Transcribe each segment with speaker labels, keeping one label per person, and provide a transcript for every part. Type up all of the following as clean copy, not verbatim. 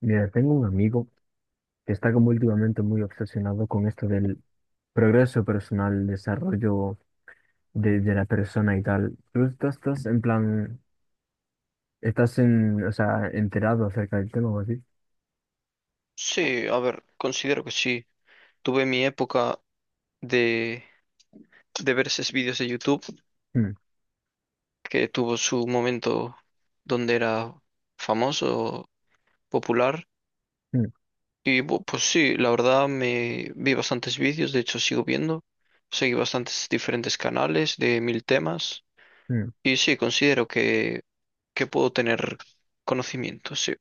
Speaker 1: Mira, tengo un amigo que está como últimamente muy obsesionado con esto del progreso personal, desarrollo de la persona y tal. ¿Tú estás en plan, estás en, o sea, enterado acerca del tema o así?
Speaker 2: Sí, a ver, considero que sí. Tuve mi época de, de ver esos vídeos de YouTube
Speaker 1: Mm,
Speaker 2: que tuvo su momento donde era famoso, popular.
Speaker 1: mm,
Speaker 2: Y pues sí, la verdad me vi bastantes vídeos, de hecho sigo viendo. Seguí bastantes diferentes canales de mil temas.
Speaker 1: mm.
Speaker 2: Y sí, considero que puedo tener conocimiento, sí.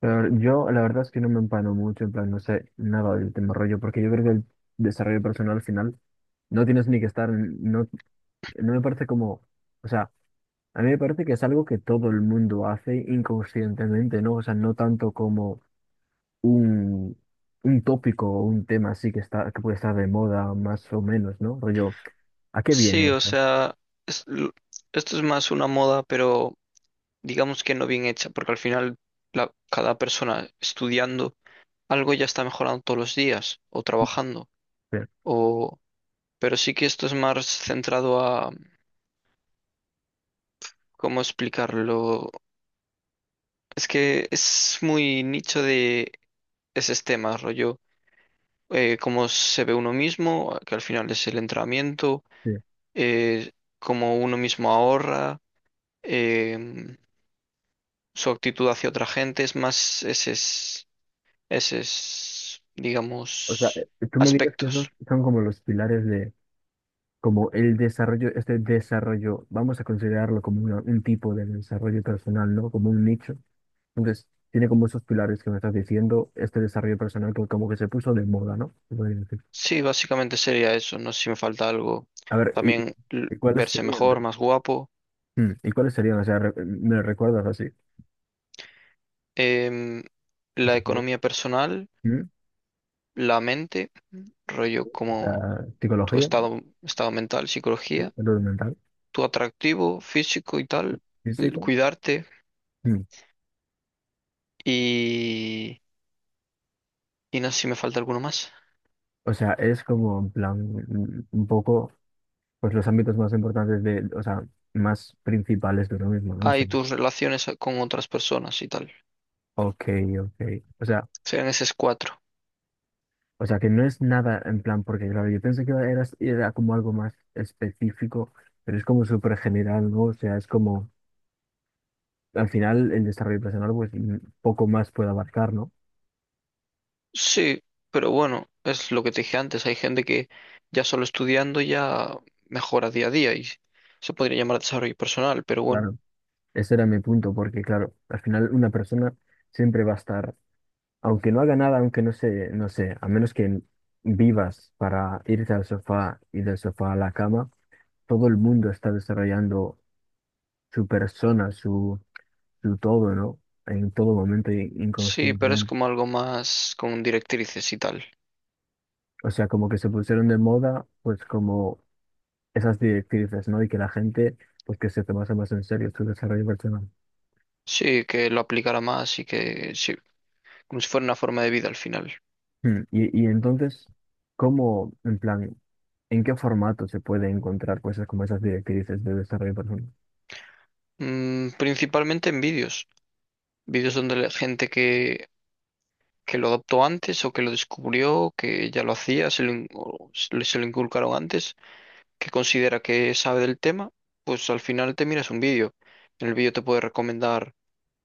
Speaker 1: Pero yo la verdad es que no me empano mucho, en plan, no sé nada del tema rollo, porque yo creo que el desarrollo personal al final no tienes ni que estar, en- no, no me parece como, o sea, a mí me parece que es algo que todo el mundo hace inconscientemente, ¿no? O sea, no tanto como un, un tópico o un tema así que está, que puede estar de moda más o menos, ¿no? Rollo, ¿a qué
Speaker 2: Sí,
Speaker 1: viene
Speaker 2: o
Speaker 1: eso?
Speaker 2: sea, es- l- esto es más una moda, pero... digamos que no bien hecha, porque al final cada persona estudiando algo ya está mejorando todos los días o trabajando,
Speaker 1: Sí,
Speaker 2: o pero sí que esto es más centrado a, ¿cómo explicarlo? Es que es muy nicho de ese tema, rollo, cómo se ve uno mismo, que al final es el entrenamiento,
Speaker 1: sí.
Speaker 2: eh, cómo uno mismo ahorra, em, su actitud hacia otra gente, es más ese es,
Speaker 1: O sea,
Speaker 2: digamos,
Speaker 1: tú me dirías que esos
Speaker 2: aspectos.
Speaker 1: son como los pilares como el desarrollo, este desarrollo, vamos a considerarlo como una- un tipo de desarrollo personal, ¿no? Como un nicho. Entonces, tiene como esos pilares que me estás diciendo, este desarrollo personal que como que se puso de moda, ¿no? Se podría decir.
Speaker 2: Sí, básicamente sería eso. No sé si me falta algo.
Speaker 1: A ver,
Speaker 2: También
Speaker 1: y cuáles
Speaker 2: verse
Speaker 1: serían?
Speaker 2: mejor, más guapo.
Speaker 1: Mm, ¿y cuáles serían? O sea, re- me recuerdas así.
Speaker 2: Em,
Speaker 1: O
Speaker 2: la
Speaker 1: sea, sería-
Speaker 2: economía personal,
Speaker 1: mm,
Speaker 2: la mente, rollo
Speaker 1: o
Speaker 2: como
Speaker 1: sea,
Speaker 2: tu
Speaker 1: psicología, ¿no?
Speaker 2: estado mental,
Speaker 1: Sí,
Speaker 2: psicología,
Speaker 1: salud mental,
Speaker 2: tu atractivo físico y tal,
Speaker 1: físico.
Speaker 2: cuidarte
Speaker 1: Mm.
Speaker 2: y, y no sé si me falta alguno más.
Speaker 1: O sea, es como en plan, mm, un poco, pues los ámbitos más importantes de, o sea, más principales de uno mismo, ¿no?
Speaker 2: Ah, y tus relaciones con otras personas y tal.
Speaker 1: Ok, ok. O sea,
Speaker 2: Serían esas cuatro.
Speaker 1: o sea que no es nada en plan, porque claro, yo pensé que era como algo más específico, pero es como súper general, ¿no? O sea, es como, al final el desarrollo personal, pues mm, poco más puede abarcar, ¿no?
Speaker 2: Sí, pero bueno, es lo que te dije antes. Hay gente que ya solo estudiando ya mejora día a día y se podría llamar desarrollo personal, pero bueno.
Speaker 1: Claro, ese era mi punto, porque claro, al final una persona siempre va a estar, aunque no haga nada, aunque no se no sé, a menos que vivas para irte al sofá y del sofá a la cama, todo el mundo está desarrollando su persona, su en todo, ¿no? En todo momento, in-
Speaker 2: Sí, pero es
Speaker 1: inconscientemente.
Speaker 2: como algo más con directrices y tal.
Speaker 1: O sea, como que se pusieron de moda, pues como esas directrices, ¿no? Y que la gente, pues que se tomase más en serio su desarrollo personal.
Speaker 2: Sí, que lo aplicara más y que sí, como si fuera una forma de vida al final.
Speaker 1: Hmm. Y entonces, ¿cómo, en plan, en qué formato se puede encontrar cosas como esas directrices de desarrollo personal?
Speaker 2: Principalmente en vídeos. Vídeos donde la gente que lo adoptó antes o que lo descubrió, que ya lo hacía, se lo, in- o se le- se lo inculcaron antes que considera que sabe del tema, pues al final te miras un vídeo. En el vídeo te puede recomendar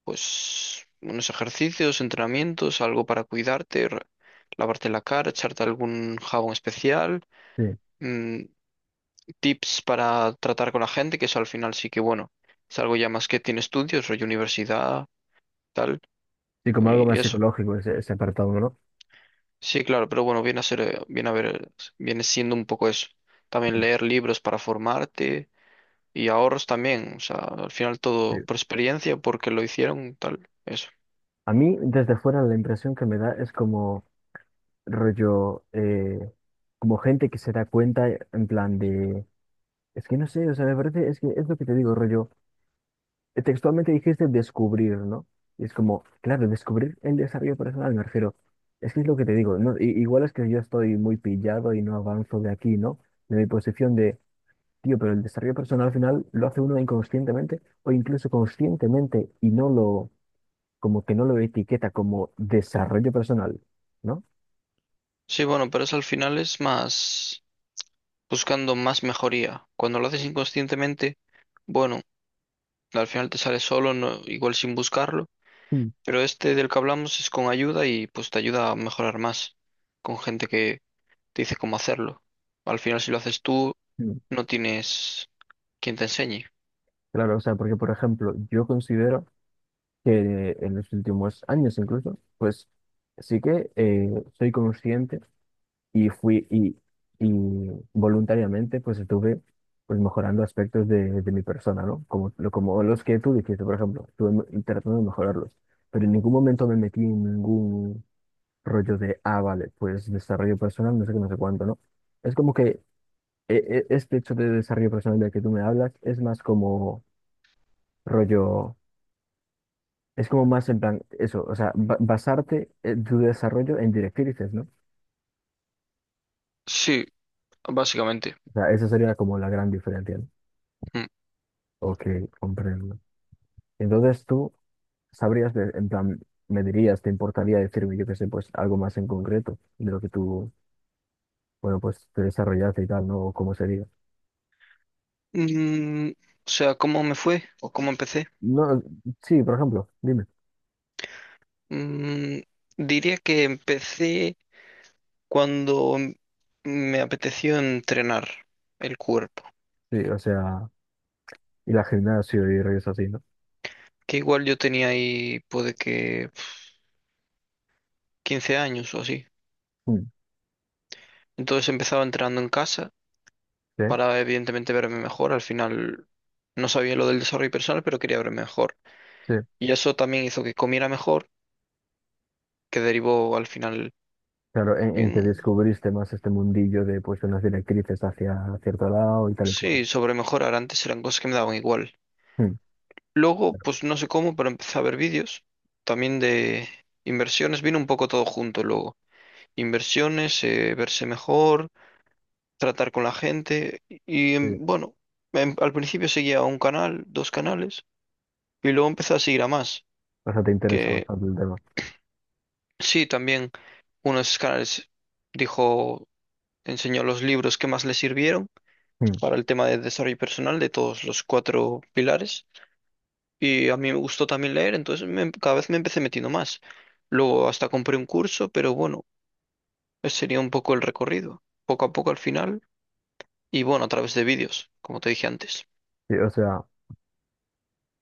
Speaker 2: pues unos ejercicios, entrenamientos, algo para cuidarte, lavarte la cara, echarte algún jabón especial,
Speaker 1: Sí,
Speaker 2: mm, tips para tratar con la gente, que eso al final sí que bueno, es algo ya más que tiene estudios, rollo universidad, tal,
Speaker 1: sí, como algo
Speaker 2: y
Speaker 1: más
Speaker 2: eso.
Speaker 1: psicológico ese, ese apartado, ¿no?
Speaker 2: Sí, claro, pero bueno, viene a ser, viene a ver, viene siendo un poco eso. También leer libros para formarte y ahorros también, o sea, al final
Speaker 1: Sí.
Speaker 2: todo por experiencia, porque lo hicieron, tal, eso.
Speaker 1: A mí, desde fuera, la impresión que me da es como rollo, como gente que se da cuenta, en plan de. Es que no sé, o sea, me parece, es que es lo que te digo, rollo. Textualmente dijiste descubrir, ¿no? Y es como, claro, descubrir el desarrollo personal, me refiero. Es que es lo que te digo, ¿no? I- igual es que yo estoy muy pillado y no avanzo de aquí, ¿no? De mi posición de, tío, pero el desarrollo personal al final lo hace uno inconscientemente o incluso conscientemente y no lo, como que no lo etiqueta como desarrollo personal, ¿no?
Speaker 2: Sí, bueno, pero eso al final es más buscando más mejoría. Cuando lo haces inconscientemente, bueno, al final te sale solo, no, igual sin buscarlo,
Speaker 1: Mm,
Speaker 2: pero este del que hablamos es con ayuda y pues te ayuda a mejorar más, con gente que te dice cómo hacerlo. Al final si lo haces tú,
Speaker 1: mm.
Speaker 2: no tienes quien te enseñe.
Speaker 1: Claro, o sea, porque por ejemplo, yo considero que en los últimos años incluso, pues sí que soy consciente y fui y voluntariamente pues estuve pues mejorando aspectos de mi persona, ¿no? Como, lo- como los que tú dijiste, por ejemplo, estuve me- tratando de mejorarlos, pero en ningún momento me metí en ningún rollo de, ah, vale, pues desarrollo personal, no sé qué, no sé cuánto, ¿no? Es como que este hecho de desarrollo personal del que tú me hablas es más como rollo. Es como más en plan, eso, o sea, ba- basarte en tu desarrollo en directrices, ¿no?
Speaker 2: Sí, básicamente.
Speaker 1: O sea, esa sería como la gran diferencia, ¿no?
Speaker 2: Mm.
Speaker 1: Ok, comprendo. Entonces tú sabrías, de- en plan, me dirías, te importaría decirme, yo qué sé, pues algo más en concreto de lo que tú, bueno, pues te desarrollaste y tal, ¿no? O cómo sería.
Speaker 2: Mm, o sea, ¿cómo me fue o cómo empecé?
Speaker 1: No, sí, por ejemplo, dime.
Speaker 2: Mm, diría que empecé cuando me apeteció entrenar el cuerpo,
Speaker 1: Sí, o sea, y la gimnasio y rollos así, ¿no?
Speaker 2: que igual yo tenía ahí, puede que 15 años o así.
Speaker 1: Mm.
Speaker 2: Entonces empezaba entrenando en casa
Speaker 1: Sí,
Speaker 2: para evidentemente verme mejor. Al final no sabía lo del desarrollo personal, pero quería verme mejor.
Speaker 1: sí.
Speaker 2: Y eso también hizo que comiera mejor, que derivó al final
Speaker 1: Claro, en que
Speaker 2: en.
Speaker 1: descubriste más este mundillo de, pues, unas directrices hacia cierto lado y tal y cual.
Speaker 2: Sí, sobre mejorar. Antes eran cosas que me daban igual.
Speaker 1: Mm.
Speaker 2: Luego, pues no sé cómo, pero empecé a ver vídeos también de inversiones. Vino un poco todo junto luego. Inversiones, verse mejor, tratar con la gente. Y
Speaker 1: Sí.
Speaker 2: bueno, al principio seguía un canal, dos canales, y luego empecé a seguir a más.
Speaker 1: O sea, te interesa
Speaker 2: Que
Speaker 1: bastante el tema.
Speaker 2: sí, también uno de esos canales dijo, enseñó los libros que más le sirvieron
Speaker 1: Mm.
Speaker 2: para el tema de desarrollo personal de todos los cuatro pilares. Y a mí me gustó también leer, entonces cada vez me empecé metiendo más. Luego hasta compré un curso, pero bueno, ese sería un poco el recorrido, poco a poco al final, y bueno, a través de vídeos, como te dije antes.
Speaker 1: Sí, o sea,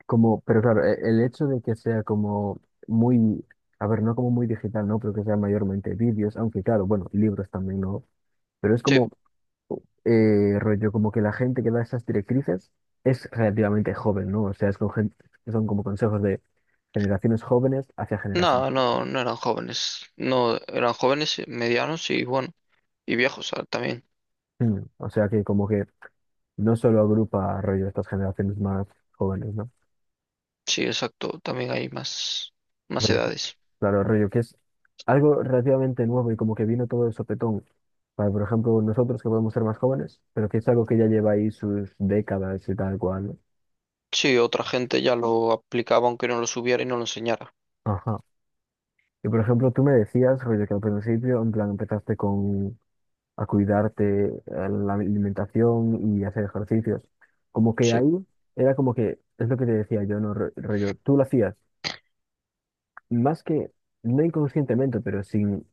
Speaker 1: como, pero claro, e- el hecho de que sea como muy, a ver, no como muy digital, ¿no? Pero que sea mayormente vídeos, aunque claro, bueno, y libros también, ¿no? Pero es
Speaker 2: Sí,
Speaker 1: como, rollo, como que la gente que da esas directrices es relativamente joven, ¿no? O sea, es con gente, son como consejos de generaciones jóvenes hacia generación.
Speaker 2: no, no, no eran jóvenes, no, eran jóvenes, medianos y bueno, y viejos también.
Speaker 1: Mm. O sea, que como que no solo agrupa, rollo, estas generaciones más jóvenes, ¿no?
Speaker 2: Sí, exacto, también hay más
Speaker 1: Rollo-.
Speaker 2: edades.
Speaker 1: Claro, rollo, que es algo relativamente nuevo y como que vino todo de sopetón. Para, por ejemplo, nosotros que podemos ser más jóvenes, pero que es algo que ya lleva ahí sus décadas y tal cual, ¿no?
Speaker 2: Sí, otra gente ya lo aplicaba aunque no lo subiera y no lo enseñara.
Speaker 1: Ajá. Y por ejemplo, tú me decías, rollo, que al principio, en plan, empezaste con a cuidarte la alimentación y hacer ejercicios. Como que
Speaker 2: Sí,
Speaker 1: ahí era como que, es lo que te decía yo, ¿no? Ro- Rollo, tú lo hacías, más que, no inconscientemente, pero sin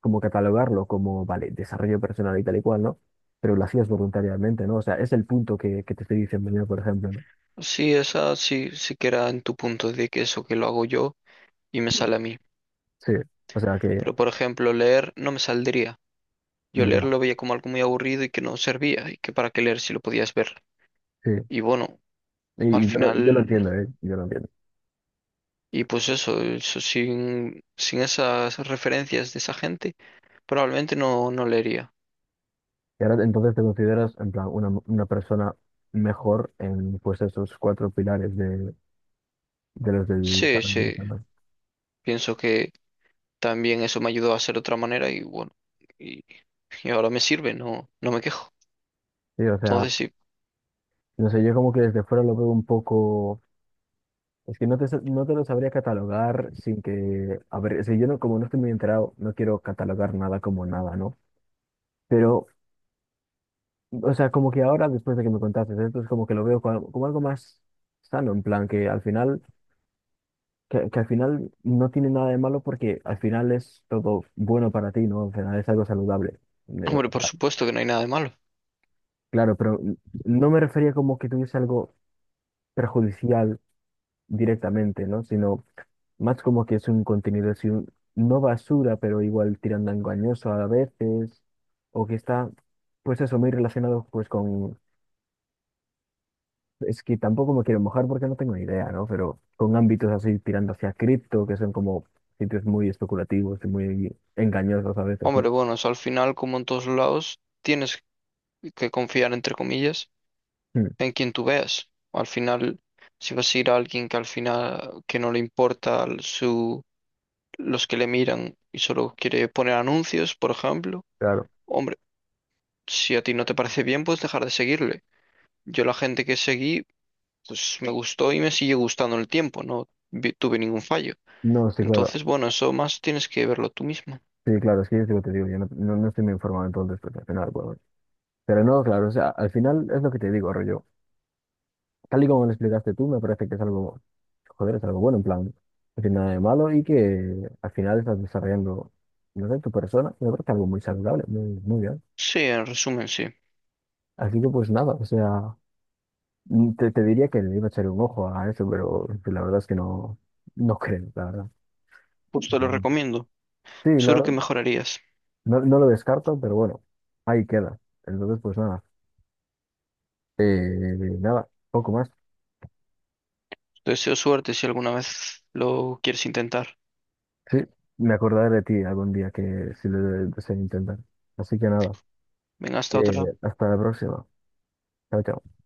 Speaker 1: como catalogarlo como, vale, desarrollo personal y tal y cual, ¿no? Pero lo hacías voluntariamente, ¿no? O sea, es el punto que te estoy diciendo yo, por ejemplo, ¿no?
Speaker 2: sí, esa sí, sí que era en tu punto de que eso que lo hago yo y me sale a mí.
Speaker 1: Sí, o sea que,
Speaker 2: Pero, por ejemplo, leer no me saldría. Yo leer
Speaker 1: ya,
Speaker 2: lo veía como algo muy aburrido y que no servía, y que para qué leer si lo podías ver.
Speaker 1: sí.
Speaker 2: Y bueno, al
Speaker 1: Y yo lo
Speaker 2: final,
Speaker 1: entiendo, ¿eh? Yo lo entiendo.
Speaker 2: y pues eso sin esas referencias de esa gente, probablemente no, no leería.
Speaker 1: Y ahora entonces te consideras, en plan, una persona mejor en, pues, esos cuatro pilares de los del
Speaker 2: Sí,
Speaker 1: desarrollo
Speaker 2: sí,
Speaker 1: personal.
Speaker 2: pienso que también eso me ayudó a ser de otra manera y bueno, y, y ahora me sirve, no, no me quejo.
Speaker 1: Sí, o sea,
Speaker 2: Entonces sí,
Speaker 1: no sé, yo como que desde fuera lo veo un poco... Es que no te, sa- no te lo sabría catalogar sin que... A ver, si yo no, como no estoy muy enterado, no quiero catalogar nada como nada, ¿no? Pero, o sea, como que ahora, después de que me contaste esto, es como que lo veo como, como algo más sano, en plan, que al final, que al final no tiene nada de malo porque al final es todo bueno para ti, ¿no? Al final es algo saludable. Ne-.
Speaker 2: hombre, por supuesto que no hay nada de malo.
Speaker 1: Claro, pero no me refería como que tuviese algo perjudicial directamente, ¿no? Sino más como que es un contenido, así, un- no basura, pero igual tirando a engañoso a veces, o que está, pues eso, muy relacionado pues con. Es que tampoco me quiero mojar porque no tengo ni idea, ¿no? Pero con ámbitos así tirando hacia cripto, que son como sitios muy especulativos y muy engañosos a veces, ¿no?
Speaker 2: Hombre, bueno, eso al final, como en todos lados, tienes que confiar entre comillas
Speaker 1: Mm,
Speaker 2: en quien tú veas. Al final, si vas a ir a alguien que al final que no le importa su, los que le miran y solo quiere poner anuncios, por ejemplo,
Speaker 1: claro.
Speaker 2: hombre, si a ti no te parece bien, puedes dejar de seguirle. Yo la gente que seguí, pues me gustó y me sigue gustando en el tiempo, no tuve ningún fallo.
Speaker 1: No, sí, claro.
Speaker 2: Entonces, bueno, eso más tienes que verlo tú mismo.
Speaker 1: Sí, claro, es que yo te digo, yo no, no, no estoy muy informado entonces, porque al final, pues, bueno. Pero no, claro, o sea, al final es lo que te digo, rollo. Tal y como lo explicaste tú, me parece que es algo, joder, es algo bueno, en plan, no tiene nada de malo y que al final estás desarrollando, no sé, tu persona, me parece algo muy saludable, muy, muy bien.
Speaker 2: Sí, en resumen, sí.
Speaker 1: Así que pues nada, o sea. Mm. Te diría que le iba a echar un ojo a eso, pero la verdad es que no, no creo, la verdad.
Speaker 2: Pues te lo
Speaker 1: Pero bueno.
Speaker 2: recomiendo.
Speaker 1: Sí, la
Speaker 2: Seguro que
Speaker 1: verdad,
Speaker 2: mejorarías.
Speaker 1: no, no lo descarto, pero bueno, ahí queda. Entonces, pues nada, eh, nada, poco más.
Speaker 2: Te deseo suerte si alguna vez lo quieres intentar.
Speaker 1: Sí, me acordaré de ti algún día que si lo de- deseo intentar. Así que nada,
Speaker 2: Venga, hasta
Speaker 1: eh,
Speaker 2: otra.
Speaker 1: hasta la próxima. Chao, chao.